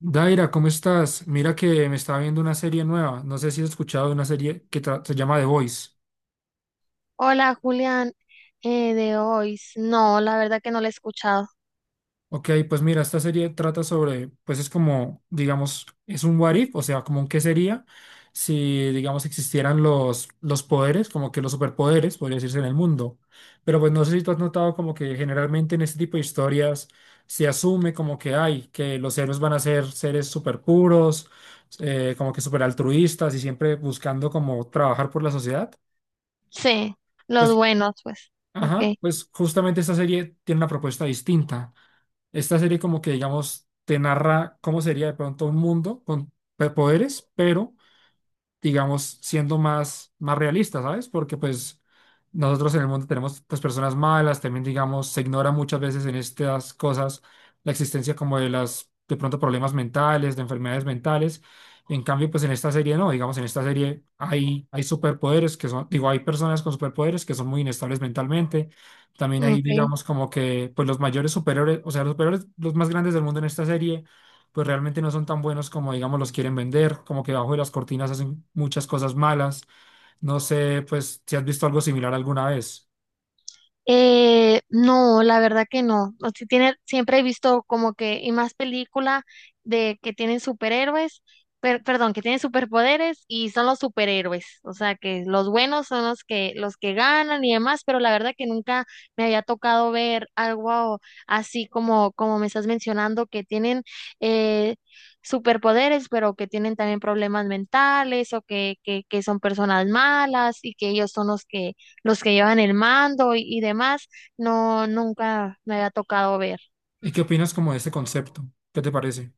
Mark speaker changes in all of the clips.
Speaker 1: Daira, ¿cómo estás? Mira que me estaba viendo una serie nueva. No sé si has escuchado de una serie que se llama The Voice.
Speaker 2: Hola, Julián, de hoy. No, la verdad que no lo he escuchado.
Speaker 1: Ok, pues mira, esta serie trata sobre, pues es como, digamos, es un what if, o sea, como un qué sería si, digamos, existieran los poderes, como que los superpoderes, podría decirse, en el mundo. Pero pues no sé si tú has notado como que generalmente en este tipo de historias se asume como que hay, que los héroes van a ser seres super puros, como que super altruistas y siempre buscando como trabajar por la sociedad.
Speaker 2: Sí, los
Speaker 1: Pues,
Speaker 2: buenos, pues.
Speaker 1: ajá,
Speaker 2: Ok,
Speaker 1: pues justamente esta serie tiene una propuesta distinta. Esta serie como que, digamos, te narra cómo sería de pronto un mundo con poderes, pero digamos, siendo más realistas, ¿sabes? Porque pues nosotros en el mundo tenemos pues personas malas, también digamos, se ignora muchas veces en estas cosas la existencia como de de pronto problemas mentales, de enfermedades mentales. En cambio, pues en esta serie no, digamos, en esta serie hay superpoderes que son, digo, hay personas con superpoderes que son muy inestables mentalmente. También hay,
Speaker 2: ok.
Speaker 1: digamos, como que pues los mayores superhéroes, o sea, los superhéroes, los más grandes del mundo en esta serie pues realmente no son tan buenos como, digamos, los quieren vender, como que bajo de las cortinas hacen muchas cosas malas. No sé, pues, si has visto algo similar alguna vez.
Speaker 2: No, la verdad que no. O sea, tiene, siempre he visto como que, y más película de que tienen superhéroes, perdón, que tienen superpoderes y son los superhéroes. O sea, que los buenos son los que ganan y demás, pero la verdad que nunca me había tocado ver algo así como, como me estás mencionando, que tienen eh, superpoderes, pero que tienen también problemas mentales o que son personas malas y que ellos son los que llevan el mando y demás, no, nunca me había tocado ver.
Speaker 1: ¿Y qué opinas como de este concepto? ¿Qué te parece?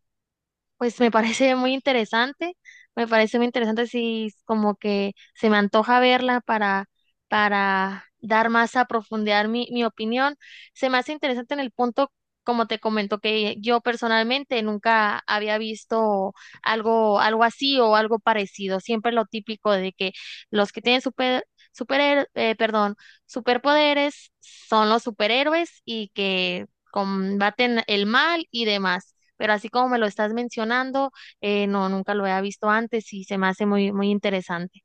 Speaker 2: Pues me parece muy interesante, me parece muy interesante si como que se me antoja verla para dar más a profundidad mi, mi opinión. Se me hace interesante en el punto, como te comento, que yo personalmente nunca había visto algo, algo así o algo parecido. Siempre lo típico de que los que tienen perdón, superpoderes son los superhéroes y que combaten el mal y demás pero así como me lo estás mencionando, no, nunca lo había visto antes y se me hace muy, muy interesante.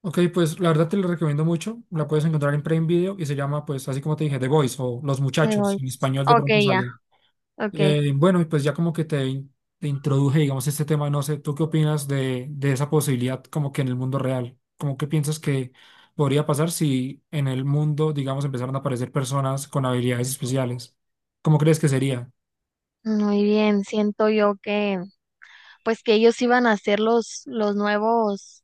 Speaker 1: Ok, pues la verdad te lo recomiendo mucho. La puedes encontrar en Prime Video y se llama, pues, así como te dije, The Boys o Los
Speaker 2: Le
Speaker 1: Muchachos.
Speaker 2: doy-
Speaker 1: En español de
Speaker 2: Ok,
Speaker 1: pronto
Speaker 2: ya,
Speaker 1: sale.
Speaker 2: ok.
Speaker 1: Bueno, y pues ya como que te introduje, digamos, este tema, no sé, ¿tú qué opinas de esa posibilidad como que en el mundo real? ¿Cómo que piensas que podría pasar si en el mundo, digamos, empezaran a aparecer personas con habilidades especiales? ¿Cómo crees que sería?
Speaker 2: Muy bien, siento yo que, pues que ellos iban a ser los nuevos.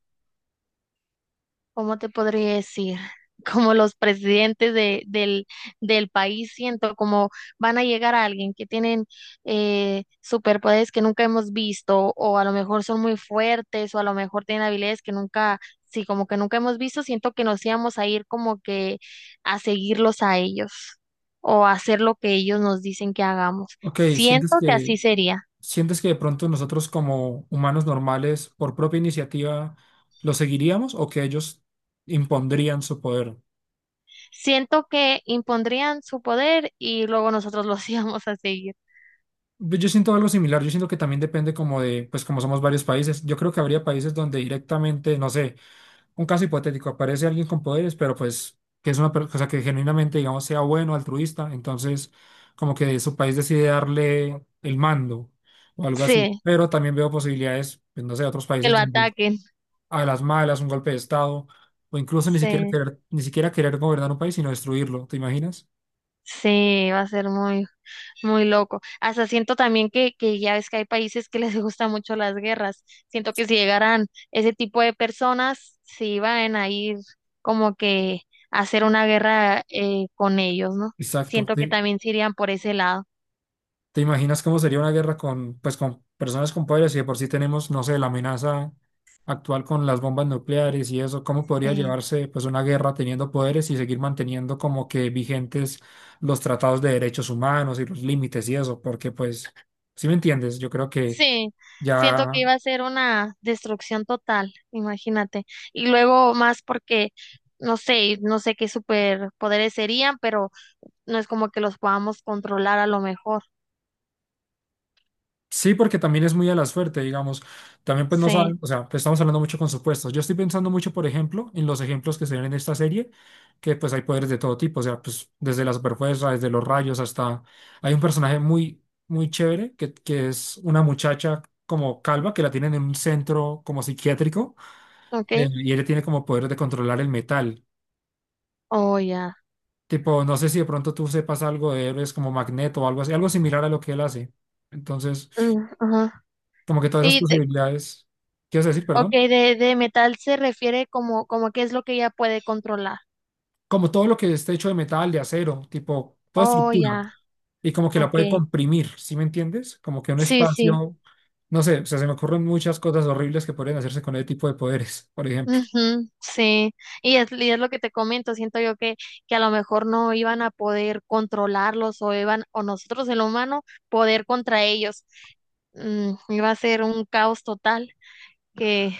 Speaker 2: ¿Cómo te podría decir? Como los presidentes del, del país, siento como van a llegar a alguien que tienen superpoderes que nunca hemos visto, o a lo mejor son muy fuertes, o a lo mejor tienen habilidades que nunca, sí, como que nunca hemos visto, siento que nos íbamos a ir como que a seguirlos a ellos, o a hacer lo que ellos nos dicen que hagamos.
Speaker 1: Ok,
Speaker 2: Siento que así sería.
Speaker 1: sientes que de pronto nosotros como humanos normales, por propia iniciativa, lo seguiríamos o que ellos impondrían su poder?
Speaker 2: Siento que impondrían su poder y luego nosotros los íbamos a seguir.
Speaker 1: Pues yo siento algo similar, yo siento que también depende como de, pues como somos varios países, yo creo que habría países donde directamente, no sé, un caso hipotético, aparece alguien con poderes, pero pues que es una persona que genuinamente, digamos, sea bueno, altruista, entonces como que su país decide darle el mando o algo así,
Speaker 2: Sí,
Speaker 1: pero también veo posibilidades, pues, no sé, de otros
Speaker 2: que
Speaker 1: países
Speaker 2: lo
Speaker 1: donde
Speaker 2: ataquen.
Speaker 1: a las malas, un golpe de estado, o incluso ni siquiera
Speaker 2: Sí,
Speaker 1: querer, ni siquiera querer gobernar un país, sino destruirlo, ¿te imaginas?
Speaker 2: sí, va a ser muy, muy loco. Hasta siento también que ya ves que hay países que les gustan mucho las guerras. Siento que si llegaran ese tipo de personas, se iban a ir como que a hacer una guerra con ellos, ¿no?
Speaker 1: Exacto.
Speaker 2: Siento que
Speaker 1: Sí.
Speaker 2: también se irían por ese lado.
Speaker 1: ¿Te imaginas cómo sería una guerra con, pues, con personas con poderes? Y de por sí tenemos, no sé, la amenaza actual con las bombas nucleares y eso, ¿cómo podría
Speaker 2: Sí,
Speaker 1: llevarse, pues, una guerra teniendo poderes y seguir manteniendo como que vigentes los tratados de derechos humanos y los límites y eso? Porque, pues, si me entiendes, yo creo que
Speaker 2: sí. Siento que
Speaker 1: ya.
Speaker 2: iba a ser una destrucción total, imagínate. Y luego más porque no sé, no sé qué superpoderes serían, pero no es como que los podamos controlar a lo mejor.
Speaker 1: Sí, porque también es muy a la suerte, digamos. También pues no
Speaker 2: Sí,
Speaker 1: saben, o sea, pues estamos hablando mucho con supuestos. Yo estoy pensando mucho, por ejemplo, en los ejemplos que se ven en esta serie, que pues hay poderes de todo tipo, o sea, pues desde la superfuerza, desde los rayos hasta... Hay un personaje muy, muy chévere que es una muchacha como calva que la tienen en un centro como psiquiátrico
Speaker 2: ok.
Speaker 1: y ella tiene como poder de controlar el metal.
Speaker 2: Oh, ya.
Speaker 1: Tipo, no sé si de pronto tú sepas algo de héroes como Magneto o algo así, algo similar a lo que él hace. Entonces...
Speaker 2: Mm, ajá.
Speaker 1: Como que todas esas
Speaker 2: Y de,
Speaker 1: posibilidades, ¿quieres decir,
Speaker 2: ok,
Speaker 1: perdón?
Speaker 2: de metal se refiere como, como qué es lo que ella puede controlar.
Speaker 1: Como todo lo que esté hecho de metal, de acero, tipo, toda
Speaker 2: Oh,
Speaker 1: estructura,
Speaker 2: ya.
Speaker 1: y como que la puede
Speaker 2: Ok.
Speaker 1: comprimir, ¿sí me entiendes? Como que un
Speaker 2: Sí, sí.
Speaker 1: espacio, no sé, o sea, se me ocurren muchas cosas horribles que podrían hacerse con ese tipo de poderes, por ejemplo.
Speaker 2: Ujú, sí. Y es lo que te comento. Siento yo que a lo mejor no iban a poder controlarlos o iban, o nosotros el humano, poder contra ellos. Mm, iba a ser un caos total que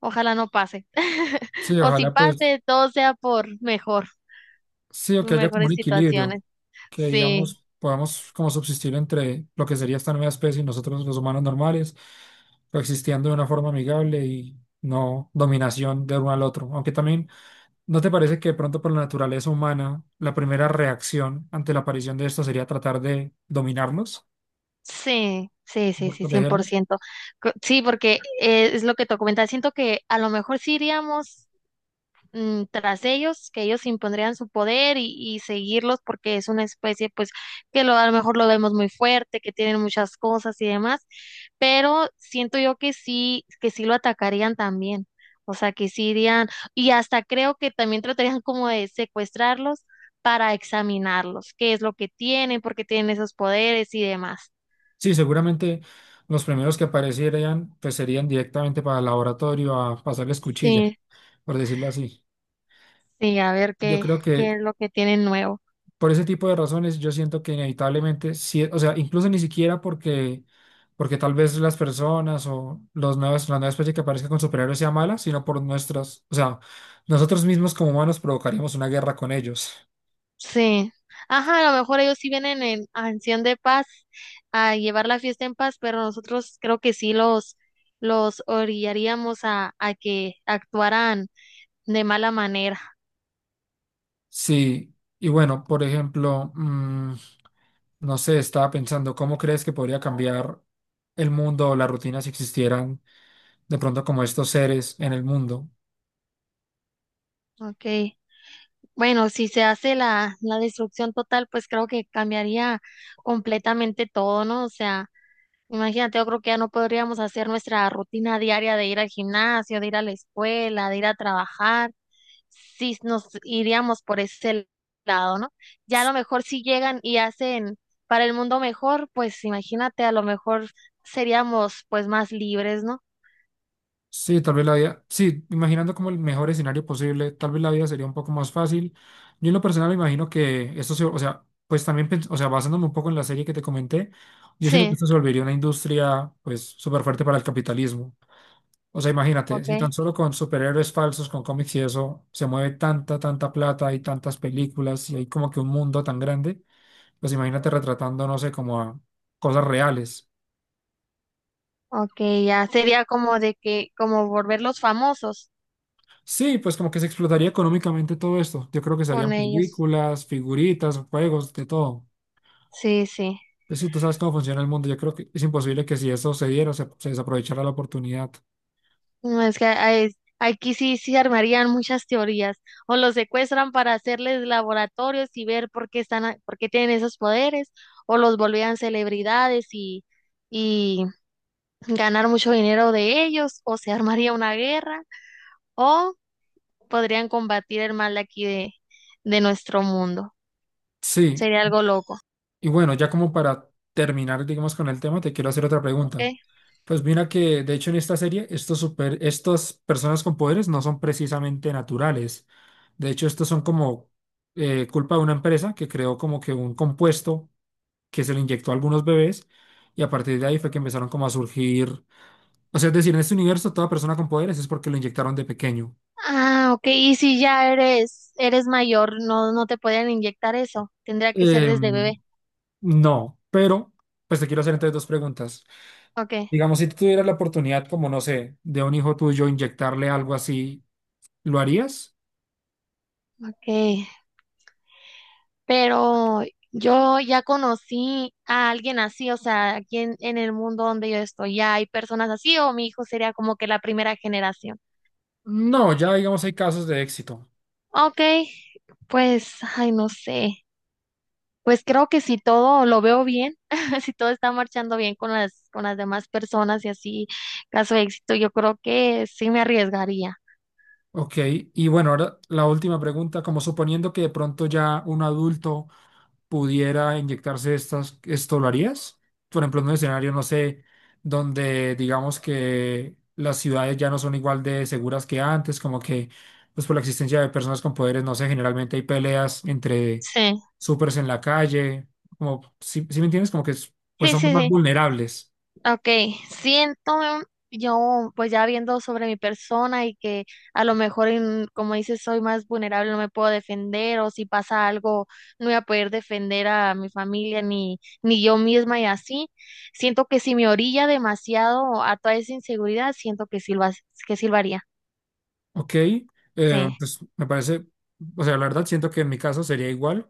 Speaker 2: ojalá no pase.
Speaker 1: Sí,
Speaker 2: O si
Speaker 1: ojalá pues,
Speaker 2: pase, todo sea por mejor,
Speaker 1: sí, o que haya como un
Speaker 2: mejores
Speaker 1: equilibrio,
Speaker 2: situaciones.
Speaker 1: que
Speaker 2: Sí,
Speaker 1: digamos, podamos como subsistir entre lo que sería esta nueva especie y nosotros los humanos normales, coexistiendo de una forma amigable y no dominación de uno al otro, aunque también... ¿No te parece que de pronto por la naturaleza humana, la primera reacción ante la aparición de esto sería tratar de dominarnos, por
Speaker 2: sí,
Speaker 1: protegernos?
Speaker 2: 100%. Sí, porque es lo que te comentaba. Siento que a lo mejor sí iríamos, mm, tras ellos, que ellos impondrían su poder y seguirlos porque es una especie pues que lo, a lo mejor lo vemos muy fuerte, que tienen muchas cosas y demás, pero siento yo que sí lo atacarían también, o sea, que sí irían y hasta creo que también tratarían como de secuestrarlos para examinarlos, qué es lo que tienen, por qué tienen esos poderes y demás.
Speaker 1: Sí, seguramente los primeros que aparecieran pues serían directamente para el laboratorio a pasarles cuchilla,
Speaker 2: Sí,
Speaker 1: por decirlo así.
Speaker 2: sí, a ver
Speaker 1: Yo
Speaker 2: qué,
Speaker 1: creo que
Speaker 2: qué es lo que tienen nuevo.
Speaker 1: por ese tipo de razones, yo siento que inevitablemente, sí, o sea, incluso ni siquiera porque, porque tal vez las personas o los nuevos, la nueva especie que aparezca con superhéroes sea mala, sino por nuestras, o sea, nosotros mismos como humanos provocaríamos una guerra con ellos.
Speaker 2: Sí. Ajá, a lo mejor ellos sí vienen en acción de paz a llevar la fiesta en paz, pero nosotros creo que sí los orillaríamos a que actuaran de mala manera.
Speaker 1: Sí, y bueno, por ejemplo, no sé, estaba pensando, ¿cómo crees que podría cambiar el mundo o la rutina si existieran de pronto como estos seres en el mundo?
Speaker 2: Okay. Bueno, si se hace la destrucción total, pues creo que cambiaría completamente todo, ¿no? O sea, imagínate, yo creo que ya no podríamos hacer nuestra rutina diaria de ir al gimnasio, de ir a la escuela, de ir a trabajar. Si nos iríamos por ese lado, ¿no? Ya a lo mejor si llegan y hacen para el mundo mejor, pues imagínate, a lo mejor seríamos pues más libres, ¿no?
Speaker 1: Sí, tal vez la vida, sí, imaginando como el mejor escenario posible, tal vez la vida sería un poco más fácil. Yo en lo personal imagino que esto se, o sea, pues también, o sea, basándome un poco en la serie que te comenté, yo siento que
Speaker 2: Sí,
Speaker 1: esto se volvería una industria, pues, súper fuerte para el capitalismo. O sea, imagínate,
Speaker 2: ok,
Speaker 1: si tan solo con superhéroes falsos, con cómics y eso, se mueve tanta, tanta plata y tantas películas y hay como que un mundo tan grande, pues imagínate retratando, no sé, como a cosas reales.
Speaker 2: ok, ya sería como de que, como volverlos famosos
Speaker 1: Sí, pues como que se explotaría económicamente todo esto. Yo creo que se
Speaker 2: con
Speaker 1: harían
Speaker 2: ellos.
Speaker 1: películas, figuritas, juegos, de todo.
Speaker 2: Sí, sí.
Speaker 1: Pues sí, tú sabes cómo funciona el mundo, yo creo que es imposible que si eso se diera, se desaprovechara la oportunidad.
Speaker 2: No, es que hay- aquí sí, sí armarían muchas teorías. O los secuestran para hacerles laboratorios y ver por qué están, por qué tienen esos poderes, o los volvían celebridades y ganar mucho dinero de ellos, o se armaría una guerra, o podrían combatir el mal de aquí de nuestro mundo.
Speaker 1: Sí,
Speaker 2: Sería algo loco,
Speaker 1: y bueno, ya como para terminar, digamos, con el tema, te quiero hacer otra
Speaker 2: ¿ok?
Speaker 1: pregunta. Pues mira que, de hecho, en esta serie, estas personas con poderes no son precisamente naturales. De hecho, estos son como culpa de una empresa que creó como que un compuesto que se le inyectó a algunos bebés y a partir de ahí fue que empezaron como a surgir, o sea, es decir, en este universo toda persona con poderes es porque lo inyectaron de pequeño.
Speaker 2: Ah, ok, y si ya eres, eres mayor, no, no te pueden inyectar eso, tendría que ser
Speaker 1: Eh,
Speaker 2: desde bebé.
Speaker 1: no, pero pues te quiero hacer entonces dos preguntas.
Speaker 2: Ok,
Speaker 1: Digamos, si tú tuvieras la oportunidad, como no sé, de un hijo tuyo inyectarle algo así, ¿lo harías?
Speaker 2: ok, pero yo ya conocí a alguien así, o sea, aquí en el mundo donde yo estoy, ya hay personas así, o mi hijo sería como que la primera generación.
Speaker 1: No, ya digamos hay casos de éxito.
Speaker 2: Ok, pues, ay, no sé. Pues creo que si todo lo veo bien, si todo está marchando bien con las demás personas y así, caso de éxito, yo creo que sí me arriesgaría.
Speaker 1: Ok, y bueno, ahora la última pregunta, como suponiendo que de pronto ya un adulto pudiera inyectarse estas, ¿esto lo harías? Por ejemplo, en un escenario, no sé, donde digamos que las ciudades ya no son igual de seguras que antes, como que pues por la existencia de personas con poderes, no sé, generalmente hay peleas entre
Speaker 2: Sí,
Speaker 1: supers en la calle, como, si me entiendes? Como que pues somos más
Speaker 2: sí,
Speaker 1: vulnerables.
Speaker 2: Okay, siento yo, pues ya viendo sobre mi persona y que a lo mejor, en, como dices, soy más vulnerable, no me puedo defender o si pasa algo, no voy a poder defender a mi familia ni yo misma y así. Siento que si me orilla demasiado a toda esa inseguridad, siento que sí lo, que sí lo haría.
Speaker 1: Ok,
Speaker 2: Sí,
Speaker 1: pues me parece, o sea, la verdad siento que en mi caso sería igual,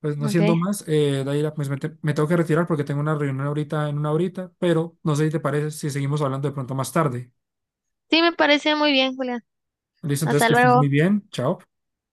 Speaker 1: pues no
Speaker 2: ok.
Speaker 1: siendo más, Daira, pues me tengo que retirar porque tengo una reunión ahorita en una horita, pero no sé si te parece si seguimos hablando de pronto más tarde.
Speaker 2: Sí, me parece muy bien, Julián.
Speaker 1: Listo, entonces
Speaker 2: Hasta
Speaker 1: que estés muy
Speaker 2: luego.
Speaker 1: bien, chao.